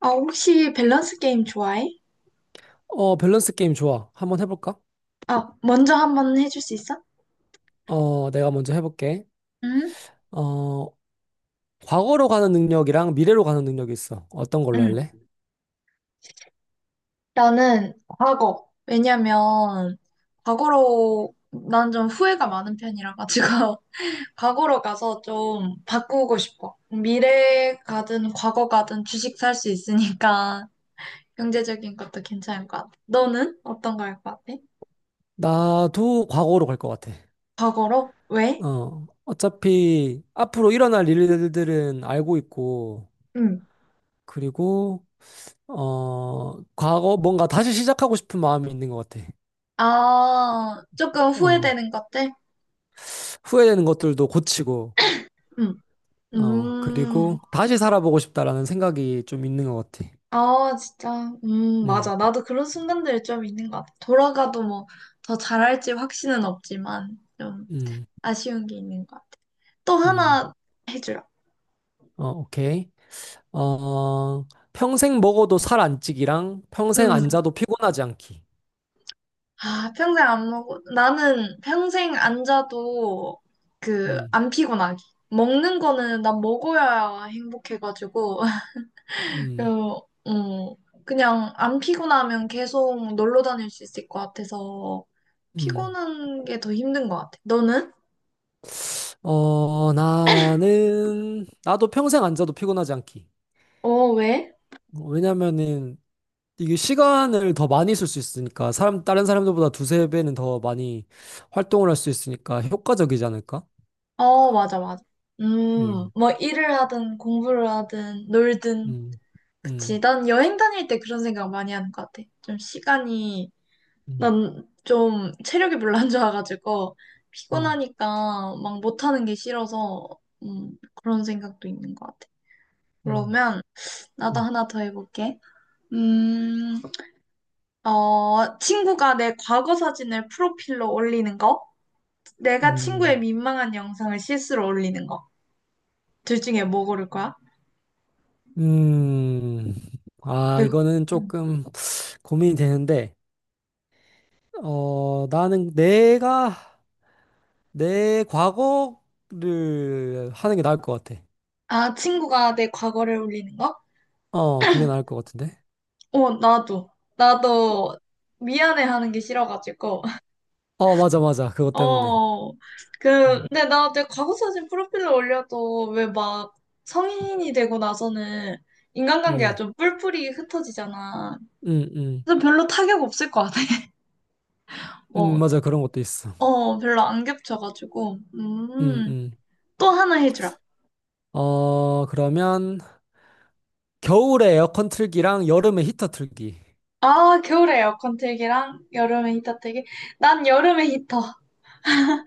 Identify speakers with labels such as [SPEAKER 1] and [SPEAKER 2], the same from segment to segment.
[SPEAKER 1] 아, 혹시 밸런스 게임 좋아해?
[SPEAKER 2] 밸런스 게임 좋아. 한번 해볼까?
[SPEAKER 1] 아, 먼저 한번 해줄 수 있어?
[SPEAKER 2] 내가 먼저 해볼게.
[SPEAKER 1] 응?
[SPEAKER 2] 어, 과거로 가는 능력이랑 미래로 가는 능력이 있어. 어떤 걸로
[SPEAKER 1] 응.
[SPEAKER 2] 할래?
[SPEAKER 1] 나는 과거. 왜냐면, 과거로, 난 좀 후회가 많은 편이라 가지고, 과거로 가서 좀 바꾸고 싶어. 미래 가든 과거 가든 주식 살 수 있으니까, 경제적인 것도 괜찮을 것 같아. 너는 어떤 거 할 것 같아?
[SPEAKER 2] 나도 과거로 갈 것 같아.
[SPEAKER 1] 과거로? 왜?
[SPEAKER 2] 어차피 앞으로 일어날 일들은 알고 있고,
[SPEAKER 1] 응.
[SPEAKER 2] 그리고, 과거 뭔가 다시 시작하고 싶은 마음이 있는 것 같아.
[SPEAKER 1] 아, 조금
[SPEAKER 2] 어,
[SPEAKER 1] 후회되는 것들?
[SPEAKER 2] 후회되는 것들도 고치고,
[SPEAKER 1] 응. 음.
[SPEAKER 2] 그리고 다시 살아보고 싶다라는 생각이 좀 있는 것 같아.
[SPEAKER 1] 아, 진짜.
[SPEAKER 2] 음,
[SPEAKER 1] 맞아. 나도 그런 순간들이 좀 있는 것 같아. 돌아가도 뭐 더 잘할지 확신은 없지만 좀
[SPEAKER 2] 음,
[SPEAKER 1] 아쉬운 게 있는 것 같아. 또
[SPEAKER 2] 음.
[SPEAKER 1] 하나 해줘요.
[SPEAKER 2] 오케이. 어, 평생 먹어도 살 안 찌기랑 평생
[SPEAKER 1] 음.
[SPEAKER 2] 안 자도 피곤하지 않기.
[SPEAKER 1] 아, 평생 안 먹어. 나는 평생 안 자도 그
[SPEAKER 2] 음,
[SPEAKER 1] 안 피곤하기. 먹는 거는 난 먹어야 행복해가지고
[SPEAKER 2] 음,
[SPEAKER 1] 그, 음, 그냥 안 피곤하면 계속 놀러 다닐 수 있을 것 같아서
[SPEAKER 2] 음.
[SPEAKER 1] 피곤한 게 더 힘든 것 같아. 너는?
[SPEAKER 2] 나도 평생 안 자도 피곤하지 않기.
[SPEAKER 1] 어, 왜?
[SPEAKER 2] 왜냐면은, 이게 시간을 더 많이 쓸 수 있으니까, 다른 사람들보다 두세 배는 더 많이 활동을 할 수 있으니까 효과적이지 않을까?
[SPEAKER 1] 어, 맞아, 맞아.
[SPEAKER 2] 음,
[SPEAKER 1] 뭐 일을 하든 공부를 하든 놀든.
[SPEAKER 2] 음,
[SPEAKER 1] 그치.
[SPEAKER 2] 음,
[SPEAKER 1] 난 여행 다닐 때 그런 생각 많이 하는 것 같아. 좀 시간이,
[SPEAKER 2] 음,
[SPEAKER 1] 난 좀 체력이 별로 안 좋아가지고
[SPEAKER 2] 음,
[SPEAKER 1] 피곤하니까 막 못하는 게 싫어서 그런 생각도 있는 것 같아.
[SPEAKER 2] 음,
[SPEAKER 1] 그러면
[SPEAKER 2] 음,
[SPEAKER 1] 나도
[SPEAKER 2] 음.
[SPEAKER 1] 하나 더 해볼게. 음, 어, 친구가 내 과거 사진을 프로필로 올리는 거, 내가 친구의
[SPEAKER 2] 음.
[SPEAKER 1] 민망한 영상을 실수로 올리는 거. 둘 중에 뭐 고를 거야?
[SPEAKER 2] 음, 아,
[SPEAKER 1] 네.
[SPEAKER 2] 이거는
[SPEAKER 1] 음.
[SPEAKER 2] 조금 고민이 되는데, 나는 내가 내 과거를 하는 게 나을 것 같아.
[SPEAKER 1] 아, 친구가 내 과거를 울리는 거?
[SPEAKER 2] 그게 나을 것 같은데.
[SPEAKER 1] 어, 나도.
[SPEAKER 2] 어,
[SPEAKER 1] 나도 미안해하는 게 싫어가지고.
[SPEAKER 2] 맞아, 맞아. 그것 때문에.
[SPEAKER 1] 어,
[SPEAKER 2] 어,
[SPEAKER 1] 근데 나 내 과거 사진 프로필로 올려도 왜 막 성인이 되고 나서는 인간관계가
[SPEAKER 2] 음,
[SPEAKER 1] 좀 뿔뿔이 흩어지잖아.
[SPEAKER 2] 음, 음,
[SPEAKER 1] 그래서 별로 타격 없을 것 같아. 뭐,
[SPEAKER 2] 맞아. 그런 것도 있어.
[SPEAKER 1] 어, 별로 안 겹쳐가지고.
[SPEAKER 2] 음, 음.
[SPEAKER 1] 또 하나 해주라.
[SPEAKER 2] 그러면 겨울에 에어컨 틀기랑 여름에 히터 틀기.
[SPEAKER 1] 아, 겨울에 에어컨 틀기랑 여름에 히터 틀기. 난 여름에 히터.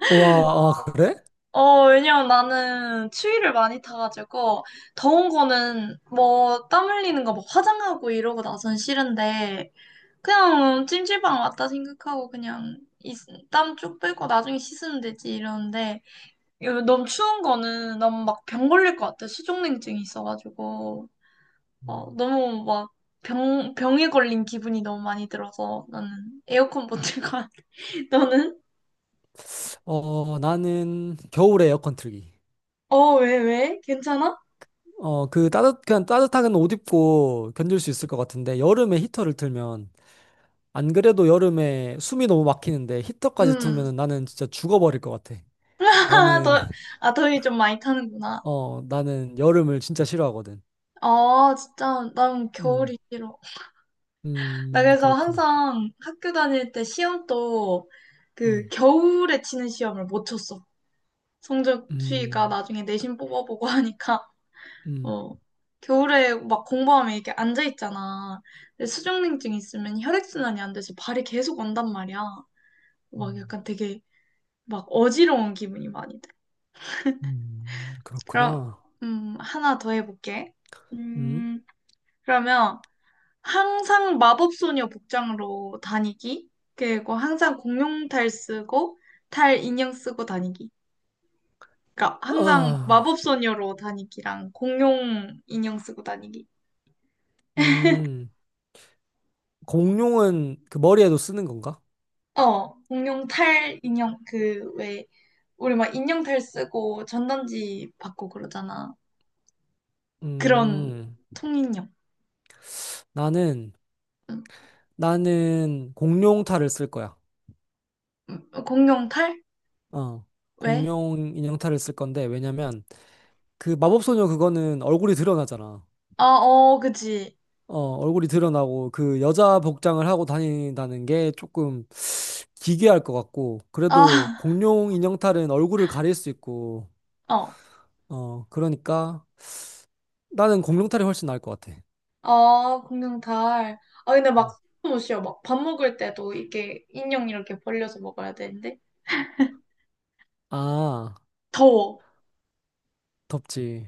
[SPEAKER 2] 와, 아, 그래?
[SPEAKER 1] 어, 왜냐면 나는 추위를 많이 타가지고, 더운 거는 뭐, 땀 흘리는 거 막 화장하고 이러고 나선 싫은데, 그냥 찜질방 왔다 생각하고 그냥 땀 쭉 빼고 나중에 씻으면 되지 이러는데, 이거 너무 추운 거는 너무 막 병 걸릴 것 같아. 수족냉증이 있어가지고, 어, 너무 막 병에 걸린 기분이 너무 많이 들어서 나는 에어컨 못 틀고, 너는?
[SPEAKER 2] 나는 겨울에 에어컨 틀기.
[SPEAKER 1] 어, 왜? 괜찮아?
[SPEAKER 2] 그냥 따뜻하게는 옷 입고 견딜 수 있을 것 같은데 여름에 히터를 틀면 안 그래도 여름에 숨이 너무 막히는데 히터까지
[SPEAKER 1] 음.
[SPEAKER 2] 틀면은 나는 진짜 죽어버릴 것 같아.
[SPEAKER 1] 아,
[SPEAKER 2] 나는,
[SPEAKER 1] 더, 아, 더위 좀 많이 타는구나.
[SPEAKER 2] 나는 여름을 진짜 싫어하거든.
[SPEAKER 1] 아, 진짜, 난
[SPEAKER 2] 음,
[SPEAKER 1] 겨울이 싫어. 나 그래서
[SPEAKER 2] 그렇구나.
[SPEAKER 1] 항상 학교 다닐 때 시험도 그
[SPEAKER 2] 음,
[SPEAKER 1] 겨울에 치는 시험을 못 쳤어. 성적 추이가
[SPEAKER 2] 음,
[SPEAKER 1] 나중에 내신 뽑아보고 하니까,
[SPEAKER 2] 음,
[SPEAKER 1] 어. 겨울에 막 공부하면 이렇게 앉아있잖아. 근데 수족냉증 있으면 혈액순환이 안 돼서 발이 계속 온단 말이야. 막
[SPEAKER 2] 음,
[SPEAKER 1] 약간 되게 막 어지러운 기분이 많이 돼. 그럼,
[SPEAKER 2] 그렇구나.
[SPEAKER 1] 하나 더 해볼게.
[SPEAKER 2] 음,
[SPEAKER 1] 음, 그러면, 항상 마법소녀 복장으로 다니기. 그리고 항상 공룡탈 쓰고 탈 인형 쓰고 다니기. 그러니까 항상
[SPEAKER 2] 아,
[SPEAKER 1] 마법소녀로 다니기랑 공룡 인형 쓰고 다니기.
[SPEAKER 2] 음, 공룡은 그 머리에도 쓰는 건가?
[SPEAKER 1] 어, 공룡 탈 인형 그 왜 우리 막 인형 탈 쓰고 전단지 받고 그러잖아. 그런
[SPEAKER 2] 음,
[SPEAKER 1] 통인형.
[SPEAKER 2] 나는,
[SPEAKER 1] 음,
[SPEAKER 2] 나는 공룡 탈을 쓸 거야.
[SPEAKER 1] 공룡 탈?
[SPEAKER 2] 어,
[SPEAKER 1] 왜?
[SPEAKER 2] 공룡 인형 탈을 쓸 건데, 왜냐면, 그 마법소녀 그거는 얼굴이 드러나잖아.
[SPEAKER 1] 아, 어, 그치.
[SPEAKER 2] 얼굴이 드러나고 그 여자 복장을 하고 다닌다는 게 조금 기괴할 것 같고 그래도
[SPEAKER 1] 아,
[SPEAKER 2] 공룡 인형탈은 얼굴을 가릴 수 있고
[SPEAKER 1] 어.
[SPEAKER 2] 그러니까 나는 공룡탈이 훨씬 나을 것 같아.
[SPEAKER 1] 아, 공룡 달. 아, 근데
[SPEAKER 2] 음.
[SPEAKER 1] 막, 못 쉬어. 막, 밥 먹을 때도 이렇게 인형 이렇게 벌려서 먹어야 되는데.
[SPEAKER 2] 아,
[SPEAKER 1] 더워.
[SPEAKER 2] 덥지.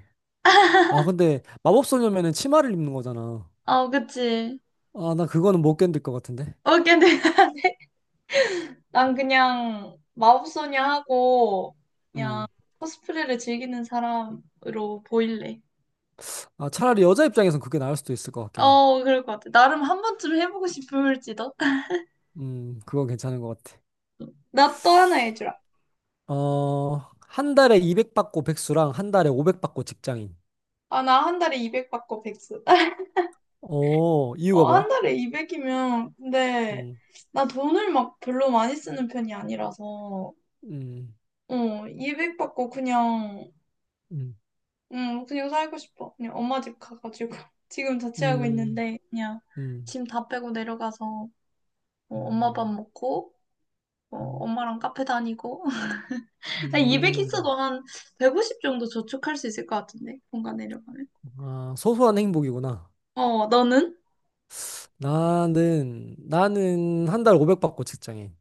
[SPEAKER 2] 아, 근데 마법소녀면은 치마를 입는 거잖아.
[SPEAKER 1] 아, 그치.
[SPEAKER 2] 아, 나 그거는 못 견딜 것 같은데.
[SPEAKER 1] 어, 근데 난 그냥 마법소녀 하고, 그냥
[SPEAKER 2] 음.
[SPEAKER 1] 코스프레를 즐기는 사람으로 보일래.
[SPEAKER 2] 아, 차라리 여자 입장에선 그게 나을 수도 있을 것 같긴 해.
[SPEAKER 1] 어, 그럴 것 같아. 나름 한 번쯤 해보고 싶을지도.
[SPEAKER 2] 그건 괜찮은 것 같아.
[SPEAKER 1] 나 또 하나 해주라.
[SPEAKER 2] 어, 한 달에 200 받고 백수랑 한 달에 500 받고 직장인.
[SPEAKER 1] 아, 나 한 달에 200 받고 백수.
[SPEAKER 2] 이유가
[SPEAKER 1] 어, 한
[SPEAKER 2] 뭐야?
[SPEAKER 1] 달에 200이면, 근데,
[SPEAKER 2] 음,
[SPEAKER 1] 나 돈을 막 별로 많이 쓰는 편이 아니라서.
[SPEAKER 2] 음,
[SPEAKER 1] 어, 200 받고 그냥,
[SPEAKER 2] 음,
[SPEAKER 1] 응, 그냥 살고 싶어. 그냥 엄마 집 가가지고. 지금 자취하고
[SPEAKER 2] 음,
[SPEAKER 1] 있는데, 그냥
[SPEAKER 2] 음,
[SPEAKER 1] 짐 다 빼고 내려가서, 어, 엄마
[SPEAKER 2] 음,
[SPEAKER 1] 밥 먹고, 어,
[SPEAKER 2] 음,
[SPEAKER 1] 엄마랑 카페 다니고. 200
[SPEAKER 2] 음.
[SPEAKER 1] 있어도 한 150 정도 저축할 수 있을 것 같은데, 뭔가 내려가면.
[SPEAKER 2] 아, 소소한 행복이구나.
[SPEAKER 1] 어, 너는?
[SPEAKER 2] 나는 한 달에 500 받고 직장인.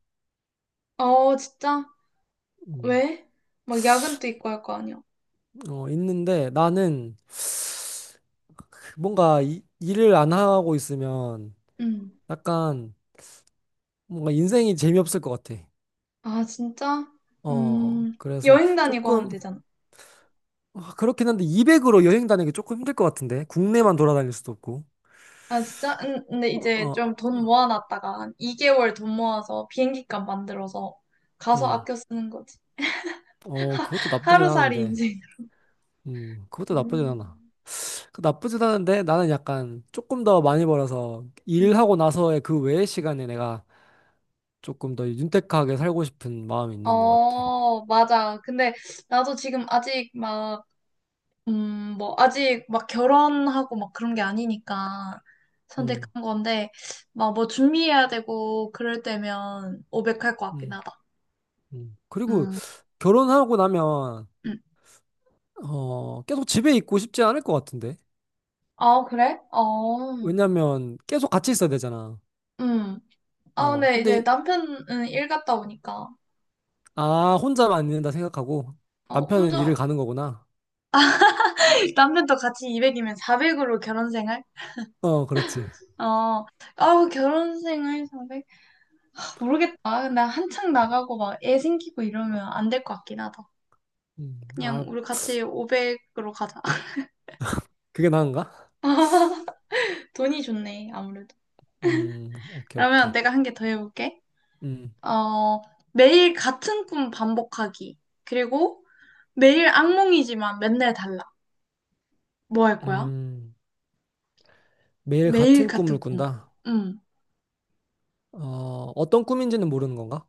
[SPEAKER 1] 어, 진짜?
[SPEAKER 2] 음,
[SPEAKER 1] 왜? 막 야근도 있고 할 거 아니야.
[SPEAKER 2] 있는데 나는 뭔가 일을 안 하고 있으면
[SPEAKER 1] 응.
[SPEAKER 2] 약간 뭔가 인생이 재미없을 것 같아.
[SPEAKER 1] 아, 진짜? 음,
[SPEAKER 2] 그래서
[SPEAKER 1] 여행 다니고 하면
[SPEAKER 2] 조금,
[SPEAKER 1] 되잖아.
[SPEAKER 2] 아, 그렇긴 한데 200으로 여행 다니기 조금 힘들 것 같은데 국내만 돌아다닐 수도 없고.
[SPEAKER 1] 아, 진짜? 응, 근데
[SPEAKER 2] 어,
[SPEAKER 1] 이제
[SPEAKER 2] 어,
[SPEAKER 1] 좀 돈 모아놨다가 한 2개월 돈 모아서 비행기값 만들어서 가서
[SPEAKER 2] 음.
[SPEAKER 1] 아껴 쓰는 거지.
[SPEAKER 2] 그것도 나쁘진
[SPEAKER 1] 하루살이
[SPEAKER 2] 않은데.
[SPEAKER 1] 인생.
[SPEAKER 2] 그것도 나쁘진 않아.
[SPEAKER 1] 음.
[SPEAKER 2] 나쁘진 않은데 나는 약간 조금 더 많이 벌어서
[SPEAKER 1] 응.
[SPEAKER 2] 일하고 나서의 그 외의 시간에 내가 조금 더 윤택하게 살고 싶은 마음이 있는 것 같아.
[SPEAKER 1] 어, 맞아. 근데 나도 지금 아직 막, 뭐, 아직 막 결혼하고 막 그런 게 아니니까
[SPEAKER 2] 음,
[SPEAKER 1] 선택한 건데, 막 뭐 준비해야 되고 그럴 때면 오백할 것 같긴
[SPEAKER 2] 음,
[SPEAKER 1] 하다.
[SPEAKER 2] 그리고
[SPEAKER 1] 음,
[SPEAKER 2] 결혼하고 나면
[SPEAKER 1] 음.
[SPEAKER 2] 계속 집에 있고 싶지 않을 것 같은데.
[SPEAKER 1] 아, 그래? 어,
[SPEAKER 2] 왜냐면 계속 같이 있어야 되잖아.
[SPEAKER 1] 음. 아, 근데 이제
[SPEAKER 2] 근데,
[SPEAKER 1] 남편은 일 갔다 오니까.
[SPEAKER 2] 아, 혼자만 있는다 생각하고
[SPEAKER 1] 어,
[SPEAKER 2] 남편은 일을
[SPEAKER 1] 혼자
[SPEAKER 2] 가는 거구나.
[SPEAKER 1] 남편도 같이 200이면 400으로 결혼생활?
[SPEAKER 2] 그렇지.
[SPEAKER 1] 어, 아우, 결혼생활 400? 모르겠다. 나 한창 나가고 막 애 생기고 이러면 안 될 것 같긴 하다. 그냥
[SPEAKER 2] 아,
[SPEAKER 1] 우리 같이 500으로 가자.
[SPEAKER 2] 그게 나은가?
[SPEAKER 1] 돈이 좋네, 아무래도.
[SPEAKER 2] 오케이,
[SPEAKER 1] 그러면
[SPEAKER 2] 오케이.
[SPEAKER 1] 내가 한 개 더 해볼게.
[SPEAKER 2] 음,
[SPEAKER 1] 어, 매일 같은 꿈 반복하기. 그리고 매일 악몽이지만 맨날 달라. 뭐 할 거야?
[SPEAKER 2] 음, 매일
[SPEAKER 1] 매일
[SPEAKER 2] 같은 꿈을
[SPEAKER 1] 같은 꿈.
[SPEAKER 2] 꾼다.
[SPEAKER 1] 응.
[SPEAKER 2] 어, 어떤 꿈인지는 모르는 건가?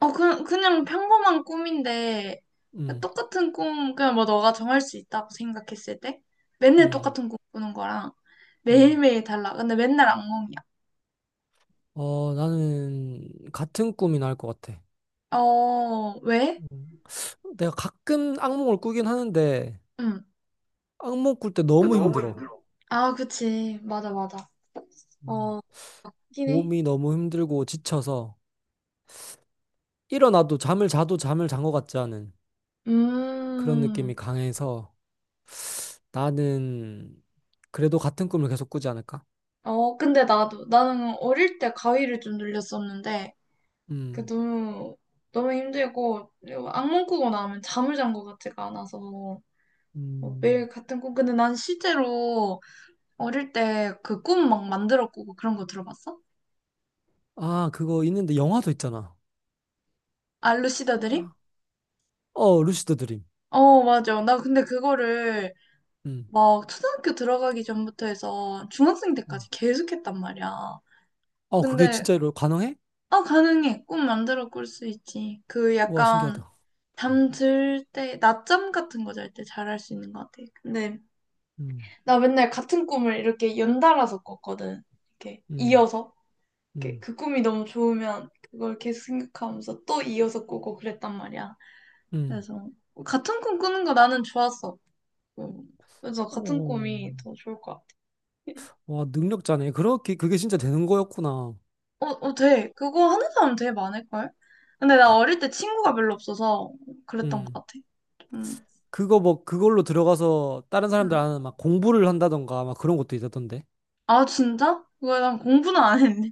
[SPEAKER 1] 어, 그냥 평범한 꿈인데,
[SPEAKER 2] 음,
[SPEAKER 1] 똑같은 꿈, 그냥 뭐 너가 정할 수 있다고 생각했을 때, 맨날
[SPEAKER 2] 음,
[SPEAKER 1] 똑같은 꿈 꾸는 거랑
[SPEAKER 2] 음.
[SPEAKER 1] 매일매일 달라. 근데 맨날 악몽이야.
[SPEAKER 2] 나는 같은 꿈이 나을 것 같아.
[SPEAKER 1] 어, 왜?
[SPEAKER 2] 음, 내가 가끔 악몽을 꾸긴 하는데
[SPEAKER 1] 응.
[SPEAKER 2] 악몽 꿀 때
[SPEAKER 1] 그
[SPEAKER 2] 너무 힘들어.
[SPEAKER 1] 아, 그치. 맞아, 맞아.
[SPEAKER 2] 음,
[SPEAKER 1] 어, 맞긴 해.
[SPEAKER 2] 몸이 너무 힘들고 지쳐서 일어나도 잠을 자도 잠을 잔 것 같지 않은. 그런 느낌이
[SPEAKER 1] 음,
[SPEAKER 2] 강해서 나는 그래도 같은 꿈을 계속 꾸지 않을까?
[SPEAKER 1] 어, 근데 나는 어릴 때 가위를 좀 눌렸었는데, 그
[SPEAKER 2] 음,
[SPEAKER 1] 너무, 너무 힘들고, 악몽 꾸고 나면 잠을 잔 것 같지가 않아서. 어,
[SPEAKER 2] 음.
[SPEAKER 1] 매일 같은 꿈. 근데 난 실제로 어릴 때 그 꿈 막 만들어 꾸고 그런 거 들어봤어?
[SPEAKER 2] 아, 그거 있는데 영화도 있잖아.
[SPEAKER 1] 알루시다 드림?
[SPEAKER 2] 아. 루시드 드림.
[SPEAKER 1] 어, 맞아. 나 근데 그거를
[SPEAKER 2] 음,
[SPEAKER 1] 막 초등학교 들어가기 전부터 해서 중학생
[SPEAKER 2] 음.
[SPEAKER 1] 때까지 계속 했단 말이야.
[SPEAKER 2] 그게
[SPEAKER 1] 근데,
[SPEAKER 2] 진짜로 가능해?
[SPEAKER 1] 아, 가능해. 꿈 만들어 꿀 수 있지. 그
[SPEAKER 2] 와,
[SPEAKER 1] 약간
[SPEAKER 2] 신기하다.
[SPEAKER 1] 잠 들 때, 낮잠 같은 거 잘 때 잘 할 수 있는 것 같아. 근데
[SPEAKER 2] 음,
[SPEAKER 1] 나 맨날 같은 꿈을 이렇게 연달아서 꿨거든. 이렇게
[SPEAKER 2] 음,
[SPEAKER 1] 이어서. 이렇게
[SPEAKER 2] 음,
[SPEAKER 1] 그 꿈이 너무 좋으면 그걸 계속 생각하면서 또 이어서 꾸고 그랬단 말이야.
[SPEAKER 2] 음.
[SPEAKER 1] 그래서 같은 꿈 꾸는 거 나는 좋았어. 음. 그래서 같은
[SPEAKER 2] 오,
[SPEAKER 1] 꿈이 더 좋을 것 같아.
[SPEAKER 2] 와, 능력자네. 그게 진짜 되는 거였구나.
[SPEAKER 1] 어, 어, 돼. 그거 하는 사람 되게 많을걸? 근데 나 어릴 때 친구가 별로 없어서 그랬던 것
[SPEAKER 2] 음.
[SPEAKER 1] 같아. 음.
[SPEAKER 2] 그거 뭐, 그걸로 들어가서 다른 사람들
[SPEAKER 1] 음.
[SPEAKER 2] 아는 막 공부를 한다던가 막 그런 것도 있었던데.
[SPEAKER 1] 아, 진짜? 그거 난 공부는 안 했네.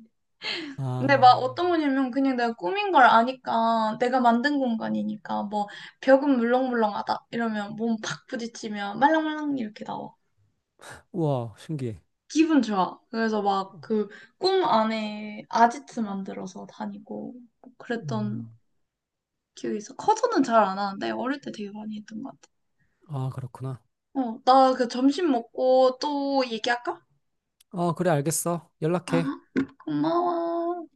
[SPEAKER 1] 근데 막
[SPEAKER 2] 아,
[SPEAKER 1] 어떤 거냐면 그냥 내가 꾸민 걸 아니까 내가 만든 공간이니까 뭐 벽은 물렁물렁하다 이러면 몸 팍 부딪히면 말랑말랑 이렇게 나와.
[SPEAKER 2] 와, 신기해.
[SPEAKER 1] 기분 좋아. 그래서 막 그 꿈 안에 아지트 만들어서 다니고 뭐 그랬던
[SPEAKER 2] 음.
[SPEAKER 1] 기억이 있어. 커서는 잘 안 하는데 어릴 때 되게 많이 했던 것 같아.
[SPEAKER 2] 아, 그렇구나.
[SPEAKER 1] 어, 나 그 점심 먹고 또 얘기할까?
[SPEAKER 2] 그래, 알겠어.
[SPEAKER 1] 아,
[SPEAKER 2] 연락해.
[SPEAKER 1] 고마워.